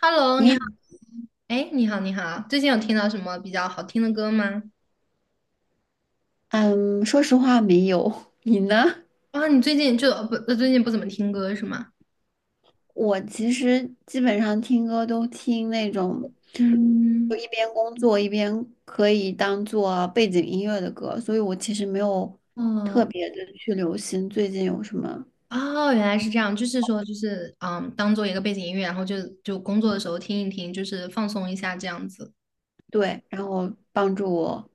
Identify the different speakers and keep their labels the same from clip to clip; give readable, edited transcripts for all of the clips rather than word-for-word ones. Speaker 1: Hello，
Speaker 2: 你
Speaker 1: 你
Speaker 2: 好，
Speaker 1: 好，哎，你好，你好，最近有听到什么比较好听的歌吗？
Speaker 2: 嗯，说实话没有，你呢？
Speaker 1: 啊，你最近就呃不，呃最近不怎么听歌是吗？
Speaker 2: 我其实基本上听歌都听那种，就
Speaker 1: 嗯，
Speaker 2: 一边工作一边可以当做背景音乐的歌，所以我其实没有特
Speaker 1: 哦，
Speaker 2: 别的去留心最近有什么，
Speaker 1: 哦，原来是这样，就是说，就是当做一个背景音乐，然后就工作的时候听一听，就是放松一下这样子。
Speaker 2: 对，然后帮助我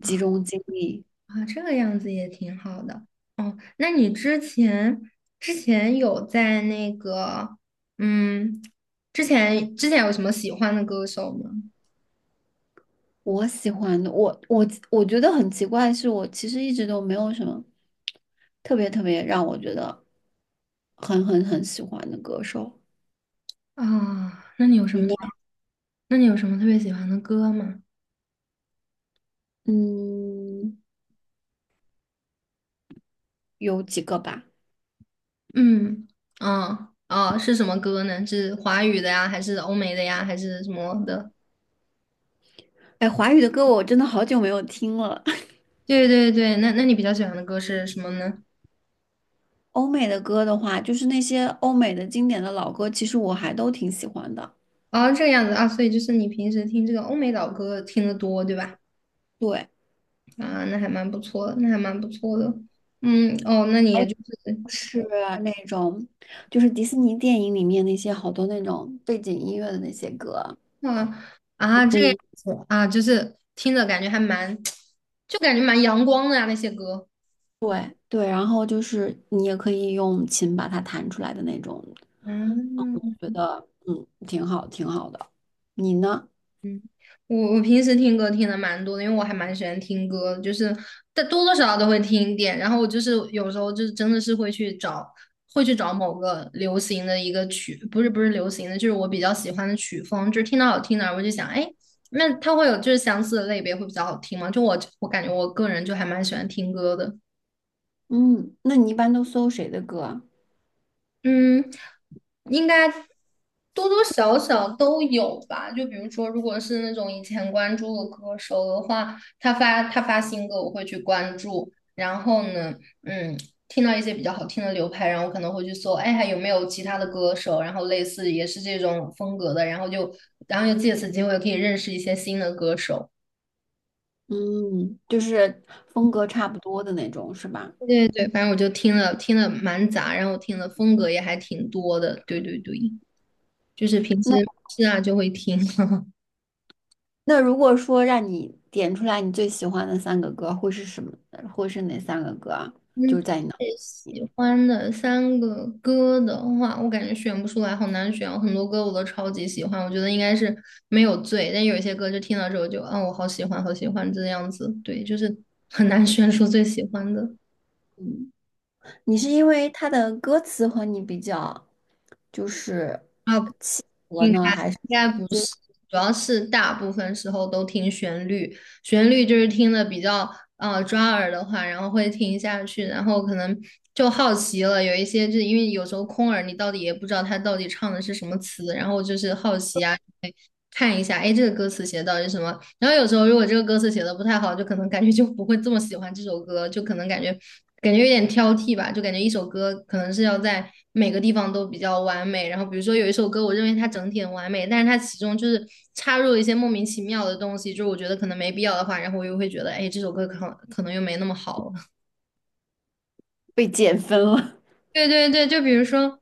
Speaker 2: 集
Speaker 1: 啊
Speaker 2: 中精力。
Speaker 1: 啊，这个样子也挺好的。哦，那你之前有在那个嗯，之前有什么喜欢的歌手吗？
Speaker 2: 我喜欢的，我觉得很奇怪的是，我其实一直都没有什么特别特别让我觉得很喜欢的歌手。
Speaker 1: 啊，那你有什
Speaker 2: 你
Speaker 1: 么？
Speaker 2: 呢？
Speaker 1: 那你有什么特别喜欢的歌吗？
Speaker 2: 嗯，有几个吧。
Speaker 1: 嗯，哦哦，是什么歌呢？是华语的呀，还是欧美的呀，还是什么的？
Speaker 2: 哎，华语的歌我真的好久没有听了。
Speaker 1: 对对对，那你比较喜欢的歌是什么呢？
Speaker 2: 欧美的歌的话，就是那些欧美的经典的老歌，其实我还都挺喜欢的。
Speaker 1: 哦，这个样子啊，所以就是你平时听这个欧美老歌听得多，对吧？
Speaker 2: 对，
Speaker 1: 啊，那还蛮不错的，那还蛮不错的。嗯，哦，那你
Speaker 2: 还
Speaker 1: 也
Speaker 2: 有
Speaker 1: 就是。
Speaker 2: 是那种，就是迪士尼电影里面那些好多那种背景音乐的那些歌，
Speaker 1: 啊，啊这
Speaker 2: 可
Speaker 1: 个样
Speaker 2: 以。
Speaker 1: 子啊，就是听着感觉还蛮，就感觉蛮阳光的呀，那些歌。
Speaker 2: 对对，然后就是你也可以用琴把它弹出来的那种，
Speaker 1: 嗯，
Speaker 2: 觉得挺好，挺好的。你呢？
Speaker 1: 嗯，我平时听歌听的蛮多的，因为我还蛮喜欢听歌的，就是但多多少少都会听一点。然后我就是有时候就是真的是会去找，会去找某个流行的一个曲，不是流行的，就是我比较喜欢的曲风，就是听到好听的，我就想，哎，那它会有就是相似的类别会比较好听吗？就我感觉我个人就还蛮喜欢听歌的。
Speaker 2: 嗯，那你一般都搜谁的歌啊？
Speaker 1: 嗯，应该多多少少都有吧。就比如说，如果是那种以前关注的歌手的话，他发新歌，我会去关注。然后呢，嗯，听到一些比较好听的流派，然后我可能会去搜，哎，还有没有其他的歌手，然后类似也是这种风格的，然后就借此机会可以认识一些新的歌手。
Speaker 2: 嗯，就是风格差不多的那种，是吧？
Speaker 1: 对对对，反正我就听了蛮杂，然后听的风格也还挺多的。对对对，就是平时
Speaker 2: 那
Speaker 1: 是啊就会听。
Speaker 2: 那如果说让你点出来你最喜欢的三个歌，会是什么？会是哪三个歌啊？就
Speaker 1: 嗯，
Speaker 2: 是在你脑，
Speaker 1: 最喜欢的三个歌的话，我感觉选不出来，好难选哦。很多歌我都超级喜欢，我觉得应该是没有最，但有一些歌就听到之后就啊，我好喜欢，好喜欢这样子。对，就是很难选出最喜欢的。
Speaker 2: 嗯，你是因为它的歌词和你比较，就是
Speaker 1: 啊，应该应该主要是大部分时候都听旋律，旋律就是听的比较抓耳的话，然后会听下去，然后可能就好奇了。有一些就是因为有时候空耳，你到底也不知道他到底唱的是什么词，然后就是好奇啊，看一下，哎，这个歌词写的到底是什么？然后有时候如果这个歌词写的不太好，就可能感觉就不会这么喜欢这首歌，就可能感觉有点挑剔吧，就感觉一首歌可能是要在每个地方都比较完美。然后比如说有一首歌，我认为它整体很完美，但是它其中就是插入了一些莫名其妙的东西，就是我觉得可能没必要的话，然后我又会觉得，哎，这首歌可能又没那么好了。
Speaker 2: 被减分了，
Speaker 1: 对对对，就比如说。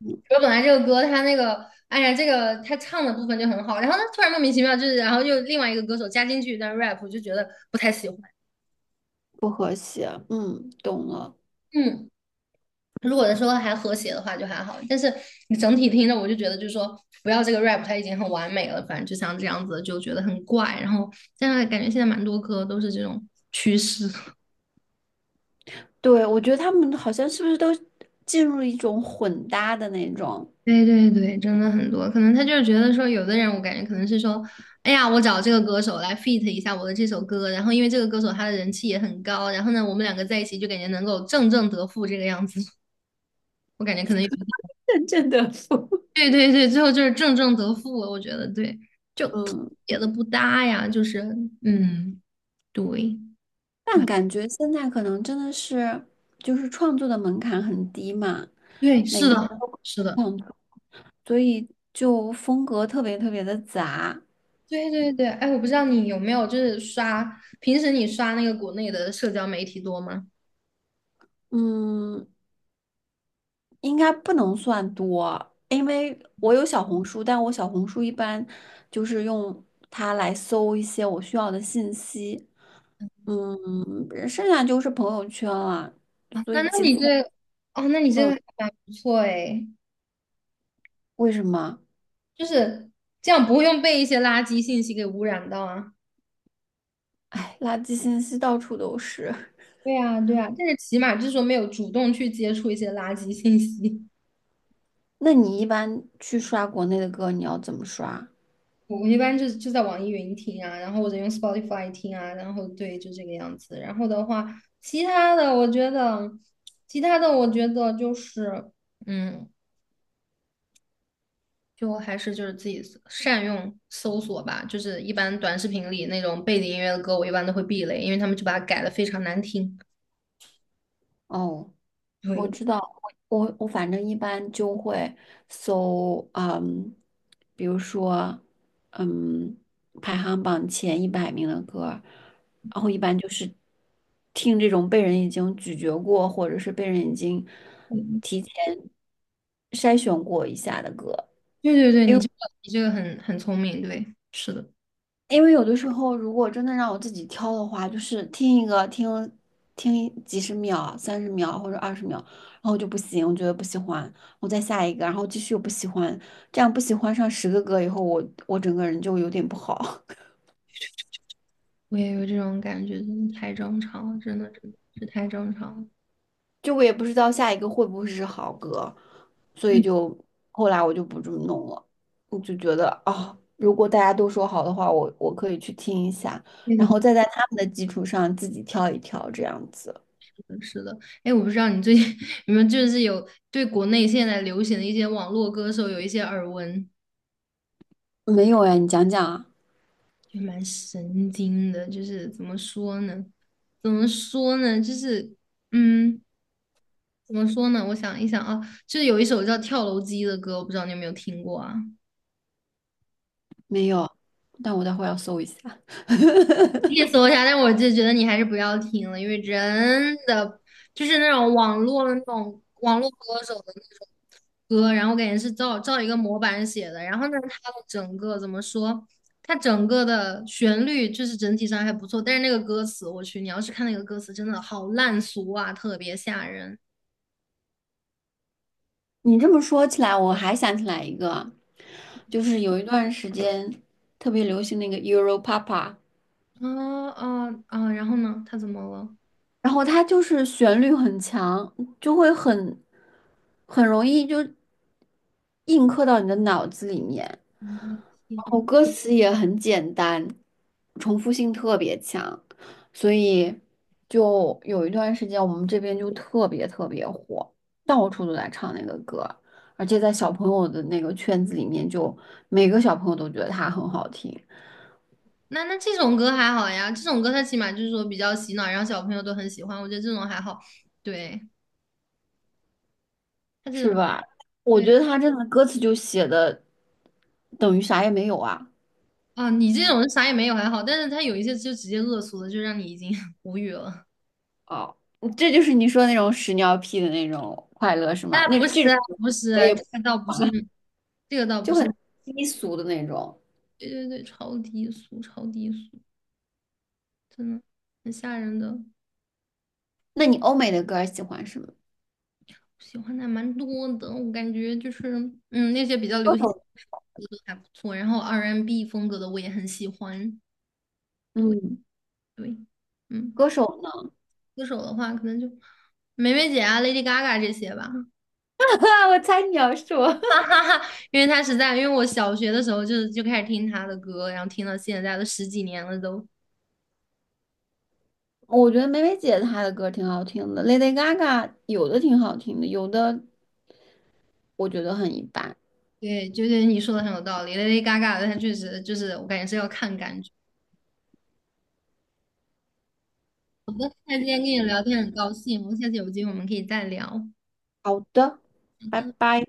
Speaker 2: 嗯，
Speaker 1: 我本来这个歌，他那个，哎呀，这个他唱的部分就很好，然后呢，突然莫名其妙就是，然后又另外一个歌手加进去一段 rap，我就觉得不太喜欢。
Speaker 2: 不和谐，懂了。
Speaker 1: 嗯，如果说还和谐的话就还好，但是你整体听着，我就觉得就是说，不要这个 rap，它已经很完美了，反正就像这样子，就觉得很怪。然后现在感觉现在蛮多歌都是这种趋势。
Speaker 2: 对，我觉得他们好像是不是都进入一种混搭的那种
Speaker 1: 对对对，真的很多，可能他就是觉得说，有的人我感觉可能是说，哎呀，我找这个歌手来 feat 一下我的这首歌，然后因为这个歌手他的人气也很高，然后呢，我们两个在一起就感觉能够正正得负这个样子。我感觉可能有一点。
Speaker 2: 阵阵的风，
Speaker 1: 对对对，最后就是正正得负了，我觉得对，就特
Speaker 2: 嗯。
Speaker 1: 别的不搭呀，就是嗯，对，就
Speaker 2: 但感觉现在可能真的是，就是创作的门槛很低嘛，
Speaker 1: 对，
Speaker 2: 每
Speaker 1: 是
Speaker 2: 个人
Speaker 1: 的，
Speaker 2: 都可以
Speaker 1: 是的，
Speaker 2: 创作，所以就风格特别特别的杂。
Speaker 1: 对对对，哎，我不知道你有没有就是刷，平时你刷那个国内的社交媒体多吗？
Speaker 2: 嗯，应该不能算多，因为我有小红书，但我小红书一般就是用它来搜一些我需要的信息。剩下就是朋友圈了，
Speaker 1: 啊，
Speaker 2: 所
Speaker 1: 那
Speaker 2: 以
Speaker 1: 那
Speaker 2: 其他，
Speaker 1: 你这。哦，那你这个
Speaker 2: 嗯，
Speaker 1: 还蛮不错诶，
Speaker 2: 为什么？
Speaker 1: 就是这样不会用被一些垃圾信息给污染到啊。
Speaker 2: 哎，垃圾信息到处都是。
Speaker 1: 对啊，对啊，但是起码就是说没有主动去接触一些垃圾信息。
Speaker 2: 那你一般去刷国内的歌，你要怎么刷？
Speaker 1: 我一般就是在网易云听啊，然后或者用 Spotify 听啊，然后对，就这个样子。然后的话，其他的我觉得，其他的我觉得就是，嗯，就还是就是自己善用搜索吧，就是一般短视频里那种背景音乐的歌，我一般都会避雷，因为他们就把它改的非常难听。
Speaker 2: 哦，我
Speaker 1: 对，
Speaker 2: 知道，我反正一般就会搜，比如说，嗯，排行榜前100名的歌，然后一般就是听这种被人已经咀嚼过，或者是被人已经
Speaker 1: 嗯
Speaker 2: 提前筛选过一下的歌。
Speaker 1: 对对对，你这个很很聪明，对，是的，
Speaker 2: 因为有的时候，如果真的让我自己挑的话，就是听一个听听几十秒、30秒或者20秒，然后就不行，我觉得不喜欢，我再下一个，然后继续又不喜欢，这样不喜欢上10个歌以后，我整个人就有点不好，
Speaker 1: 我也有这种感觉，真的太正常了，真的真的是太正常了。
Speaker 2: 就我也不知道下一个会不会是好歌，所
Speaker 1: 嗯，
Speaker 2: 以就后来我就不这么弄了，我就觉得啊、如果大家都说好的话，我可以去听一下，
Speaker 1: 对对
Speaker 2: 然后再在他们的基础上自己挑一挑这样子。
Speaker 1: 对是的。哎，我不知道你最近 你们就是有对国内现在流行的一些网络歌手有一些耳闻。
Speaker 2: 没有哎，你讲讲啊。
Speaker 1: 就蛮神经的，就是怎么说呢？怎么说呢？就是嗯，怎么说呢？我想一想啊，就是有一首叫《跳楼机》的歌，我不知道你有没有听过啊？
Speaker 2: 没有，但我待会儿要搜一下。
Speaker 1: 意搜一下，但我就觉得你还是不要听了，因为真的就是那种网络的那种网络歌手的那种歌，然后我感觉是照一个模板写的，然后呢，它的整个怎么说，它整个的旋律就是整体上还不错，但是那个歌词，我去，你要是看那个歌词，真的好烂俗啊，特别吓人。
Speaker 2: 你这么说起来，我还想起来一个，就是有一段时间特别流行那个 Euro Papa。
Speaker 1: 啊啊啊！然后呢，他怎么了？
Speaker 2: 然后它就是旋律很强，就会很容易就印刻到你的脑子里面。
Speaker 1: 我的
Speaker 2: 然
Speaker 1: 天。
Speaker 2: 后歌词也很简单，重复性特别强，所以就有一段时间我们这边就特别特别火，到处都在唱那个歌，而且在小朋友的那个圈子里面就每个小朋友都觉得它很好听。
Speaker 1: 那那这种歌还好呀，这种歌它起码就是说比较洗脑，然后小朋友都很喜欢，我觉得这种还好。对。他这
Speaker 2: 是
Speaker 1: 种。
Speaker 2: 吧？我
Speaker 1: 对
Speaker 2: 觉得他真的歌词就写的等于啥也没有啊。
Speaker 1: 啊，你这种啥也没有还好，但是他有一些就直接恶俗的，就让你已经 无语了。
Speaker 2: 哦，这就是你说那种屎尿屁的那种快乐是吗？
Speaker 1: 哎，
Speaker 2: 那
Speaker 1: 不
Speaker 2: 这
Speaker 1: 是
Speaker 2: 种
Speaker 1: 啊不是
Speaker 2: 我
Speaker 1: 啊，
Speaker 2: 也
Speaker 1: 这
Speaker 2: 不喜
Speaker 1: 个倒不是。
Speaker 2: 欢，
Speaker 1: 那这个倒不
Speaker 2: 就
Speaker 1: 是，
Speaker 2: 很低俗的那种。
Speaker 1: 对对对，超低俗，超低俗，真的很吓人的。
Speaker 2: 那你欧美的歌喜欢什么？
Speaker 1: 喜欢的还蛮多的，我感觉就是嗯，那些比较
Speaker 2: 歌
Speaker 1: 流行的
Speaker 2: 手，
Speaker 1: 歌都还不错，然后 R&B N 风格的我也很喜欢。对
Speaker 2: 嗯，
Speaker 1: 对，嗯，
Speaker 2: 歌
Speaker 1: 就
Speaker 2: 手呢？
Speaker 1: 歌手的话可能就梅梅姐啊、Lady Gaga 这些吧。
Speaker 2: 我猜你要说，
Speaker 1: 哈哈哈，因为他实在，因为我小学的时候就开始听他的歌，然后听到现在都十几年了都。
Speaker 2: 我觉得梅梅姐她的歌挺好听的，Lady Gaga 有的挺好听的，有的我觉得很一般。
Speaker 1: 对，就是你说的很有道理，Lady Gaga 的他确实就是我感觉是要看感觉。那今天跟你聊天很高兴，我们下次有机会我们可以再聊。好
Speaker 2: 好的，拜
Speaker 1: 的。
Speaker 2: 拜。